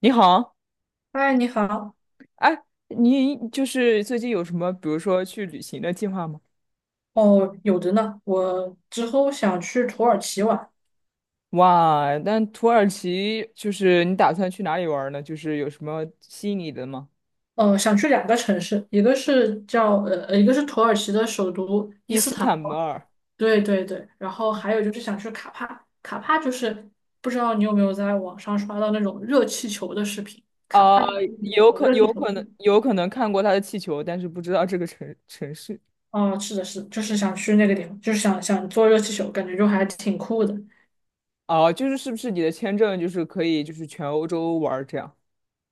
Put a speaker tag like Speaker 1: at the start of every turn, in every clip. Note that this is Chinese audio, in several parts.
Speaker 1: 你好，
Speaker 2: 嗨，你好。
Speaker 1: 你就是最近有什么，比如说去旅行的计划吗？
Speaker 2: 哦，有的呢。我之后想去土耳其玩，
Speaker 1: 哇，那土耳其就是你打算去哪里玩儿呢？就是有什么吸引你的吗？
Speaker 2: 想去两个城市，一个是叫一个是土耳其的首都伊
Speaker 1: 伊
Speaker 2: 斯
Speaker 1: 斯
Speaker 2: 坦
Speaker 1: 坦
Speaker 2: 布
Speaker 1: 布
Speaker 2: 尔，
Speaker 1: 尔
Speaker 2: 对对对。然后还有就是想去卡帕，卡帕就是不知道你有没有在网上刷到那种热气球的视频，卡帕
Speaker 1: 啊，
Speaker 2: 就是那
Speaker 1: 有
Speaker 2: 个
Speaker 1: 可
Speaker 2: 热气
Speaker 1: 有
Speaker 2: 球
Speaker 1: 可
Speaker 2: 地
Speaker 1: 能
Speaker 2: 方。
Speaker 1: 有可能看过他的气球，但是不知道这个城市。
Speaker 2: 哦，是的，是的，就是想去那个地方，就是想坐热气球，感觉就还挺酷的。
Speaker 1: 啊，就是是不是你的签证就是可以就是全欧洲玩儿这样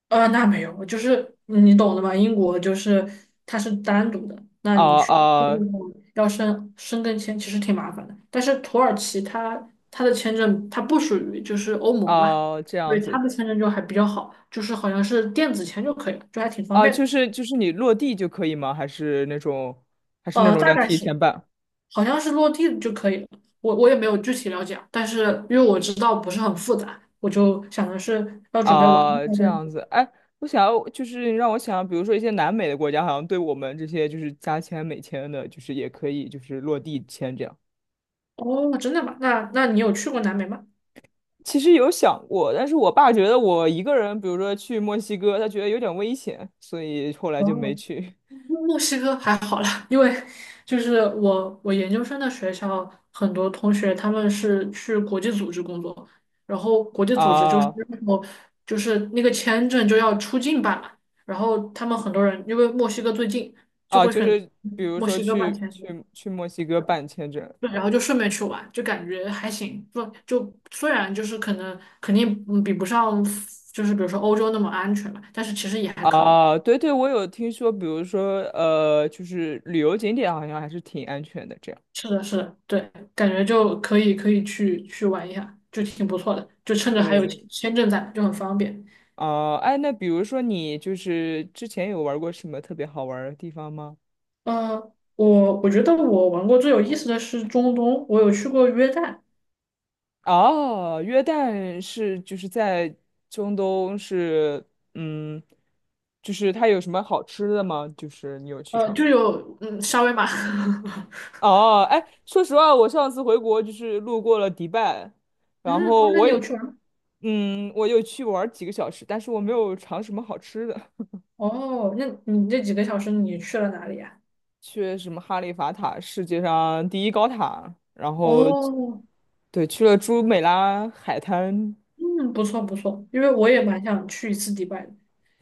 Speaker 2: 呃，那没有，就是嗯你懂的嘛，英国就是它是单独的，那
Speaker 1: 啊
Speaker 2: 你去这个
Speaker 1: 啊
Speaker 2: 地方要申根签其实挺麻烦的。但是土耳其它的签证它不属于就是欧盟嘛，
Speaker 1: 啊这样
Speaker 2: 对它
Speaker 1: 子
Speaker 2: 的签证就还比较好，就是好像是电子签就可以了，就还挺方
Speaker 1: 啊，
Speaker 2: 便
Speaker 1: 就
Speaker 2: 的。
Speaker 1: 是就是你落地就可以吗？还是那种还是那
Speaker 2: 呃，
Speaker 1: 种
Speaker 2: 大
Speaker 1: 要
Speaker 2: 概
Speaker 1: 提
Speaker 2: 是
Speaker 1: 前办？
Speaker 2: 好像是落地就可以了，我也没有具体了解啊，但是因为我知道不是很复杂，我就想的是要准备玩一话
Speaker 1: 啊，这样
Speaker 2: 再。
Speaker 1: 子，哎，我想要就是让我想，比如说一些南美的国家，好像对我们这些就是加签美签的，就是也可以就是落地签这样。
Speaker 2: 哦，真的吗？那那你有去过南美吗？
Speaker 1: 其实有想过，但是我爸觉得我一个人，比如说去墨西哥，他觉得有点危险，所以后来就没
Speaker 2: 哦，
Speaker 1: 去。
Speaker 2: 墨西哥还好啦，因为就是我研究生的学校很多同学他们是去国际组织工作，然后国际组织就是
Speaker 1: 啊
Speaker 2: 我就是那个签证就要出境办嘛，然后他们很多人因为墨西哥最近就
Speaker 1: 啊，
Speaker 2: 会
Speaker 1: 就
Speaker 2: 选
Speaker 1: 是比如
Speaker 2: 墨
Speaker 1: 说
Speaker 2: 西哥办
Speaker 1: 去
Speaker 2: 签证，
Speaker 1: 去去墨西哥办签证。
Speaker 2: 对，然后就顺便去玩，就感觉还行，不就虽然就是可能肯定嗯比不上就是比如说欧洲那么安全嘛，但是其实也还可以。
Speaker 1: 啊，对对，我有听说，比如说就是旅游景点好像还是挺安全的这样。
Speaker 2: 是的，是的，对，感觉就可以去去玩一下，就挺不错的，就趁着还有
Speaker 1: 是，
Speaker 2: 签证在，就很方便。
Speaker 1: 哦，哎，那比如说你就是之前有玩过什么特别好玩儿的地方吗？
Speaker 2: 呃，我觉得我玩过最有意思的是中东，我有去过约旦，
Speaker 1: 哦，约旦是就是在中东是，嗯，就是它有什么好吃的吗？就是你有去
Speaker 2: 呃，
Speaker 1: 尝？
Speaker 2: 就有嗯沙威玛，
Speaker 1: 哦，哎，说实话，我上次回国就是路过了迪拜，然
Speaker 2: 嗯，哦，
Speaker 1: 后
Speaker 2: 那
Speaker 1: 我
Speaker 2: 你有
Speaker 1: 也，
Speaker 2: 去玩吗？
Speaker 1: 嗯，我有去玩儿几个小时，但是我没有尝什么好吃的。
Speaker 2: 哦，那你这几个小时你去了哪里呀？
Speaker 1: 去什么哈利法塔，世界上第一高塔，然后
Speaker 2: 哦，
Speaker 1: 对，去了朱美拉海滩，
Speaker 2: 嗯，不错不错，因为我也蛮想去一次迪拜的，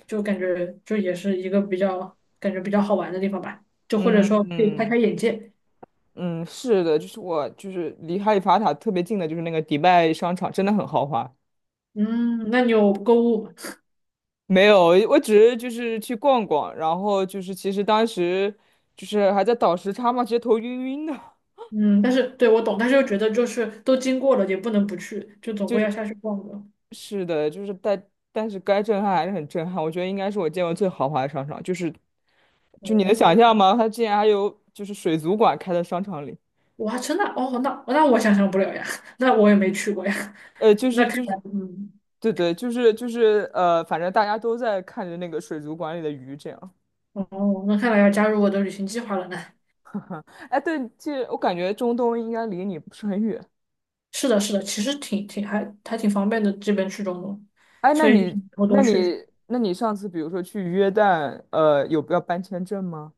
Speaker 2: 就感觉就也是一个比较感觉比较好玩的地方吧，就或者说
Speaker 1: 嗯
Speaker 2: 可以开
Speaker 1: 嗯，
Speaker 2: 开眼界。
Speaker 1: 嗯，是的，就是我就是离哈利法塔特别近的，就是那个迪拜商场，真的很豪华。
Speaker 2: 嗯，那你有购物吗？
Speaker 1: 没有，我只是就是去逛逛，然后就是其实当时就是还在倒时差嘛，直接头晕晕的。
Speaker 2: 嗯，但是对我懂，但是又觉得就是都经过了，也不能不去，就 总
Speaker 1: 就
Speaker 2: 归
Speaker 1: 是。
Speaker 2: 要下去逛的。
Speaker 1: 是的，就是但是该震撼还是很震撼，我觉得应该是我见过最豪华的商场，就是就你能想象
Speaker 2: 哦，
Speaker 1: 吗？它竟然还有就是水族馆开在商场里，
Speaker 2: 我还真的哦，那那我想象不了呀，那我也没去过呀。
Speaker 1: 呃，就
Speaker 2: 那
Speaker 1: 是
Speaker 2: 看
Speaker 1: 就
Speaker 2: 来，
Speaker 1: 是，
Speaker 2: 嗯，
Speaker 1: 对对，就是反正大家都在看着那个水族馆里的鱼这样。
Speaker 2: 哦，那看来要加入我的旅行计划了呢。
Speaker 1: 哎，对，其实我感觉中东应该离你不是很远。
Speaker 2: 是的，是的，其实挺挺还还挺方便的，这边去中东，
Speaker 1: 哎，
Speaker 2: 所以就是以后
Speaker 1: 那
Speaker 2: 多
Speaker 1: 你
Speaker 2: 去。
Speaker 1: 那你上次比如说去约旦，有要办签证吗？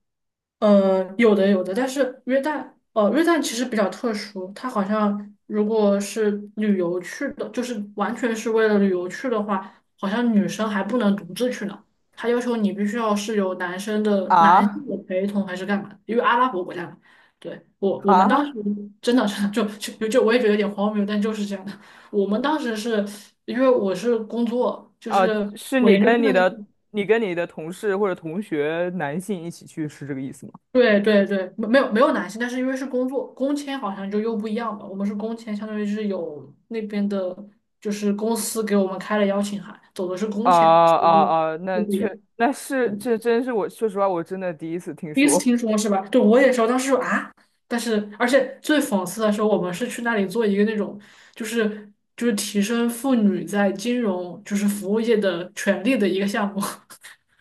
Speaker 2: 呃，有的有的，但是约旦，呃，约旦其实比较特殊，它好像如果是旅游去的，就是完全是为了旅游去的话，好像女生还不能独自去呢，它要求你必须要是有男生的男
Speaker 1: 啊
Speaker 2: 性的陪同还是干嘛的因为阿拉伯国家嘛。对，我们当
Speaker 1: 啊！
Speaker 2: 时真的是 就我也觉得有点荒谬，但就是这样的。我们当时是因为我是工作，就
Speaker 1: 啊，
Speaker 2: 是。
Speaker 1: 是
Speaker 2: 我
Speaker 1: 你
Speaker 2: 研究
Speaker 1: 跟
Speaker 2: 生的
Speaker 1: 你
Speaker 2: 那
Speaker 1: 的你跟你的同事或者同学男性一起去，是这个意思吗？
Speaker 2: 对对对，没有没有男性，但是因为是工作工签，好像就又不一样吧。我们是工签，相当于是有那边的，就是公司给我们开了邀请函，走的是工
Speaker 1: 啊
Speaker 2: 签，所以
Speaker 1: 啊
Speaker 2: 就
Speaker 1: 啊！那
Speaker 2: 就不一样。
Speaker 1: 确那是
Speaker 2: 嗯，
Speaker 1: 这真是我说实话，我真的第一次听
Speaker 2: 第一次
Speaker 1: 说。
Speaker 2: 听说是吧？对，我也说当时说啊，但是而且最讽刺的是，我们是去那里做一个那种，就是提升妇女在金融就是服务业的权利的一个项目。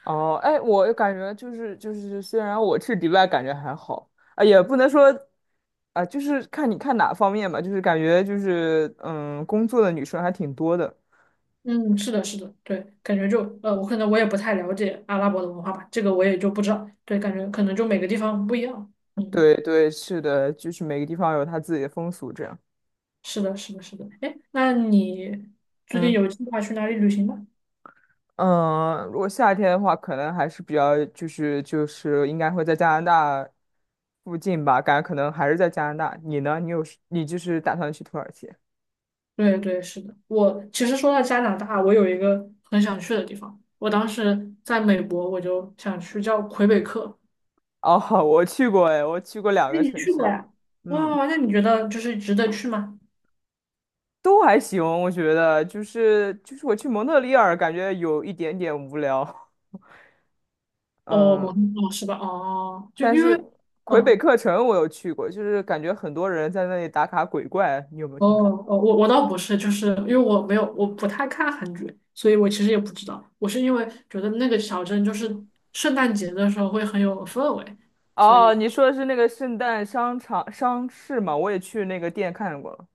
Speaker 1: 哦，哎，我感觉虽然我去迪拜感觉还好啊，也不能说啊，就是看你看哪方面吧，就是感觉就是嗯，工作的女生还挺多的。
Speaker 2: 嗯，是的，是的，对，感觉就我可能我也不太了解阿拉伯的文化吧，这个我也就不知道。对，感觉可能就每个地方不一样。嗯，
Speaker 1: 对对，是的，就是每个地方有它自己的风俗这样。
Speaker 2: 是的，是的，是的。哎，那你最近
Speaker 1: 嗯。
Speaker 2: 有计划去哪里旅行吗？
Speaker 1: 嗯，如果夏天的话，可能还是比较就是应该会在加拿大附近吧，感觉可能还是在加拿大。你呢？你有你就是打算去土耳其？
Speaker 2: 对，对，是的。我其实说到加拿大，我有一个很想去的地方。我当时在美国，我就想去叫魁北克。
Speaker 1: 哦，我去过哎，我去过两
Speaker 2: 哎，
Speaker 1: 个
Speaker 2: 你
Speaker 1: 城
Speaker 2: 去过
Speaker 1: 市，
Speaker 2: 呀？
Speaker 1: 嗯，
Speaker 2: 哇，那你觉得就是值得去吗？
Speaker 1: 都还行，我觉得就是我去蒙特利尔，感觉有一点点无聊，
Speaker 2: 哦，蒙
Speaker 1: 嗯，
Speaker 2: 特利尔是吧？哦，就
Speaker 1: 但
Speaker 2: 因
Speaker 1: 是
Speaker 2: 为
Speaker 1: 魁北
Speaker 2: 嗯。
Speaker 1: 克城我有去过，就是感觉很多人在那里打卡鬼怪，你有没有
Speaker 2: 哦
Speaker 1: 听说？
Speaker 2: 哦，我倒不是，就是因为我没有，我不太看韩剧，所以我其实也不知道。我是因为觉得那个小镇就是圣诞节的时候会很有氛围，所
Speaker 1: 哦，
Speaker 2: 以
Speaker 1: 你说的是那个圣诞商市吗？我也去那个店看过了，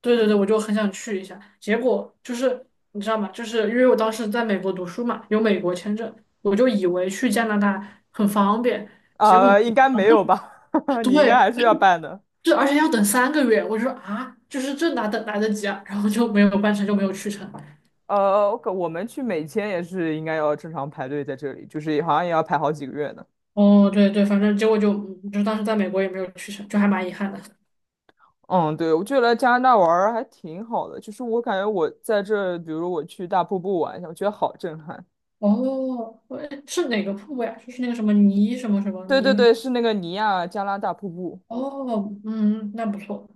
Speaker 2: 对对对，我就很想去一下。结果就是你知道吗？就是因为我当时在美国读书嘛，有美国签证，我就以为去加拿大很方便，结果
Speaker 1: 啊、应该
Speaker 2: 啊，
Speaker 1: 没有吧？你应该
Speaker 2: 对，
Speaker 1: 还是要办的。
Speaker 2: 这而且要等三个月，我就说啊，就是这哪等来得及啊？然后就没有办成就没有去成。
Speaker 1: 我们去美签也是应该要正常排队在这里，就是好像也要排好几个月呢。
Speaker 2: 哦，对对，反正结果就嗯就当时在美国也没有去成，就还蛮遗憾的。
Speaker 1: 嗯，对，我觉得来加拿大玩儿还挺好的，就是我感觉我在这，比如我去大瀑布玩一下，我觉得好震撼。
Speaker 2: 哦，喂是哪个瀑布呀？就是那个什么尼什么什么
Speaker 1: 对对
Speaker 2: 尼？
Speaker 1: 对，是那个尼亚加拉大瀑布。
Speaker 2: 哦，嗯，那不错。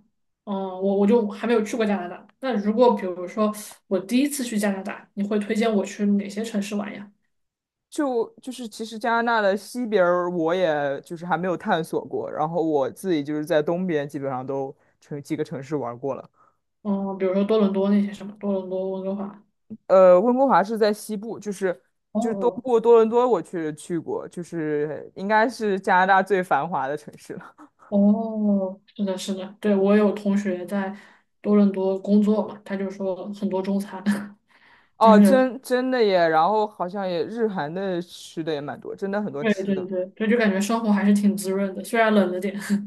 Speaker 2: 嗯，我就还没有去过加拿大。那如果比如说我第一次去加拿大，你会推荐我去哪些城市玩呀？
Speaker 1: 就是其实加拿大的西边儿我也就是还没有探索过，然后我自己就是在东边基本上都城几个城市玩过了。
Speaker 2: 嗯，比如说多伦多那些什么，多伦多、温哥华。
Speaker 1: 呃，温哥华是在西部，就是
Speaker 2: 哦
Speaker 1: 就是东
Speaker 2: 哦
Speaker 1: 部多伦多我去过，就是应该是加拿大最繁华的城市了。
Speaker 2: 哦，是的，是的，对，我有同学在多伦多工作嘛，他就说很多中餐。就
Speaker 1: 哦，
Speaker 2: 是
Speaker 1: 真真的耶，然后好像也日韩的吃的也蛮多，真的很多
Speaker 2: 对
Speaker 1: 吃
Speaker 2: 对
Speaker 1: 的。
Speaker 2: 对，对，就感觉生活还是挺滋润的，虽然冷了点。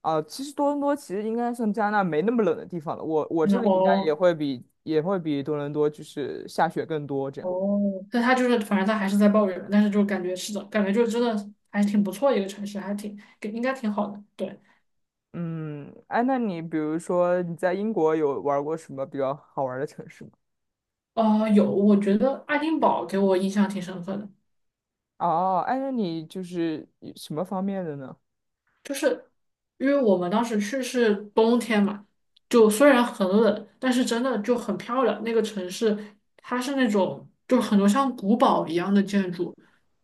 Speaker 1: 啊，其实多伦多其实应该算加拿大没那么冷的地方了，我
Speaker 2: 真
Speaker 1: 这
Speaker 2: 的
Speaker 1: 里应该也
Speaker 2: 哦。
Speaker 1: 会比也会比多伦多就是下雪更多这样。
Speaker 2: 哦，但他就是，反正他还是在抱怨，但是就感觉是的，感觉就真的还挺不错一个城市，还挺给应该挺好的。对，
Speaker 1: 嗯，哎，那你比如说你在英国有玩儿过什么比较好玩儿的城市吗？
Speaker 2: 呃，有，我觉得爱丁堡给我印象挺深刻的，
Speaker 1: 哦，哎，那你就是以什么方面的呢？
Speaker 2: 就是因为我们当时去是冬天嘛，就虽然很冷，但是真的就很漂亮。那个城市它是那种就很多像古堡一样的建筑，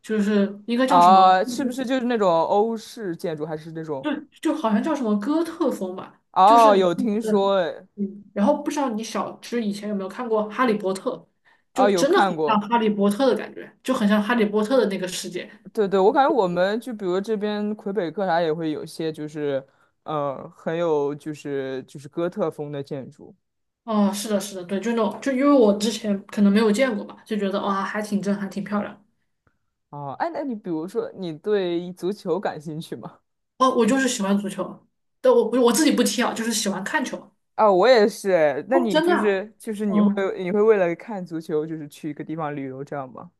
Speaker 2: 就是应该叫什么？
Speaker 1: 啊，是不是就是那种欧式建筑，还是那种？
Speaker 2: 就就好像叫什么哥特风吧，
Speaker 1: 哦，有
Speaker 2: 嗯。
Speaker 1: 听说，哎，
Speaker 2: 嗯，然后不知道你小芝以前有没有看过《哈利波特》，就
Speaker 1: 哦，有
Speaker 2: 真的很
Speaker 1: 看
Speaker 2: 像
Speaker 1: 过。
Speaker 2: 《哈利波特》的感觉，就很像《哈利波特》的那个世界。
Speaker 1: 对对，我感觉我们就比如这边魁北克啥也会有一些，就是很有就是哥特风的建筑。
Speaker 2: 哦，是的，是的，对，就那种，就因为我之前可能没有见过吧，就觉得哇，还挺震撼，挺漂亮。
Speaker 1: 哦，哎，那你比如说你对足球感兴趣吗？
Speaker 2: 哦，我就是喜欢足球，但我自己不踢啊，就是喜欢看球。
Speaker 1: 啊，我也是。那
Speaker 2: 哦，
Speaker 1: 你
Speaker 2: 真的啊？
Speaker 1: 你会
Speaker 2: 嗯，
Speaker 1: 你会为了看足球，就是去一个地方旅游这样吗？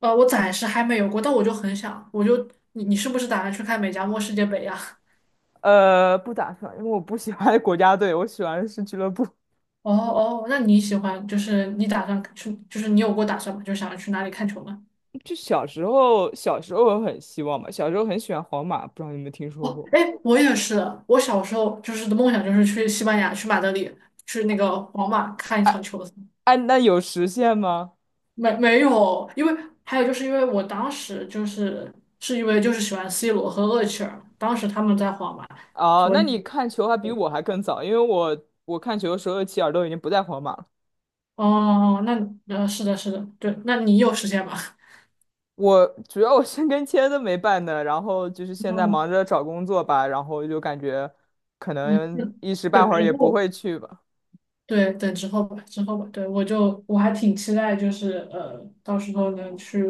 Speaker 2: 呃，我暂时还没有过，但我就很想，我就你你是不是打算去看美加墨世界杯呀？
Speaker 1: 呃，不打算，因为我不喜欢国家队，我喜欢的是俱乐部。
Speaker 2: 哦哦，那你喜欢就是你打算去，就是你有过打算吗？就想要去哪里看球吗？
Speaker 1: 就小时候，小时候我很希望嘛，小时候很喜欢皇马，不知道你有没有听说
Speaker 2: 哦，
Speaker 1: 过？
Speaker 2: 哎，我也是，我小时候就是的梦想就是去西班牙，去马德里，去那个皇马看一场球赛。
Speaker 1: 哎，那有实现吗？
Speaker 2: 没有，因为还有就是因为我当时就是是因为就是喜欢 C 罗和厄齐尔，当时他们在皇马，
Speaker 1: 哦，
Speaker 2: 所以
Speaker 1: 那你看球还比我还更早，因为我看球的时候，齐尔都已经不在皇马了。
Speaker 2: 哦，那呃是的，是的，对，那你有时间吗？
Speaker 1: 我主要我申根签都没办呢，然后就是 现在
Speaker 2: 嗯。
Speaker 1: 忙着找工作吧，然后就感觉可
Speaker 2: 嗯，
Speaker 1: 能 一时
Speaker 2: 对，
Speaker 1: 半会儿
Speaker 2: 然
Speaker 1: 也不
Speaker 2: 后。
Speaker 1: 会去吧。
Speaker 2: 对，等之后吧，之后吧。对，我就我还挺期待，就是呃，到时候能去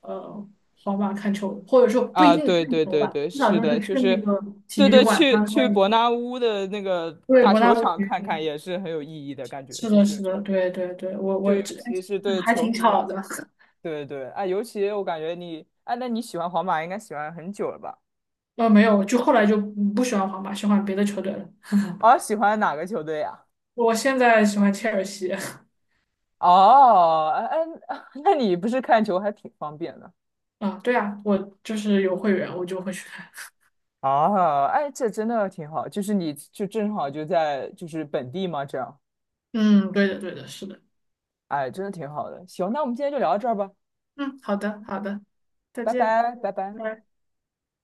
Speaker 2: 呃皇马看球，或者说不一
Speaker 1: 啊，
Speaker 2: 定
Speaker 1: 对对
Speaker 2: 看球
Speaker 1: 对
Speaker 2: 吧，
Speaker 1: 对，
Speaker 2: 至少
Speaker 1: 是
Speaker 2: 就
Speaker 1: 的，
Speaker 2: 是
Speaker 1: 就
Speaker 2: 去那
Speaker 1: 是
Speaker 2: 个体
Speaker 1: 对
Speaker 2: 育
Speaker 1: 对，
Speaker 2: 馆
Speaker 1: 去
Speaker 2: 参
Speaker 1: 去
Speaker 2: 观一下。
Speaker 1: 伯纳乌的那个
Speaker 2: 对，
Speaker 1: 大
Speaker 2: 伯纳
Speaker 1: 球
Speaker 2: 乌
Speaker 1: 场
Speaker 2: 体育
Speaker 1: 看看
Speaker 2: 馆。
Speaker 1: 也是很有意义的感觉，
Speaker 2: 是
Speaker 1: 就
Speaker 2: 的，是
Speaker 1: 是
Speaker 2: 的，对对对，我
Speaker 1: 就
Speaker 2: 我
Speaker 1: 尤
Speaker 2: 这
Speaker 1: 其是对
Speaker 2: 还
Speaker 1: 球
Speaker 2: 挺
Speaker 1: 迷来
Speaker 2: 巧
Speaker 1: 说，
Speaker 2: 的。
Speaker 1: 对对，啊，尤其我感觉你，啊，那你喜欢皇马应该喜欢很久了吧？
Speaker 2: 呃，没有，就后来就不喜欢皇马，喜欢别的球队了。
Speaker 1: 哦，喜欢哪个球队呀？
Speaker 2: 我现在喜欢切尔西。
Speaker 1: 哦，哎哎，那你不是看球还挺方便的。
Speaker 2: 啊，对啊，我就是有会员，我就会去看。
Speaker 1: 啊，哎，这真的挺好，就是你就正好就在就是本地嘛，这样，
Speaker 2: 嗯，对的，对的，是的。
Speaker 1: 哎，真的挺好的。行，那我们今天就聊到这儿吧，
Speaker 2: 嗯，好的，好的，再
Speaker 1: 拜
Speaker 2: 见。
Speaker 1: 拜，拜拜。
Speaker 2: 拜拜。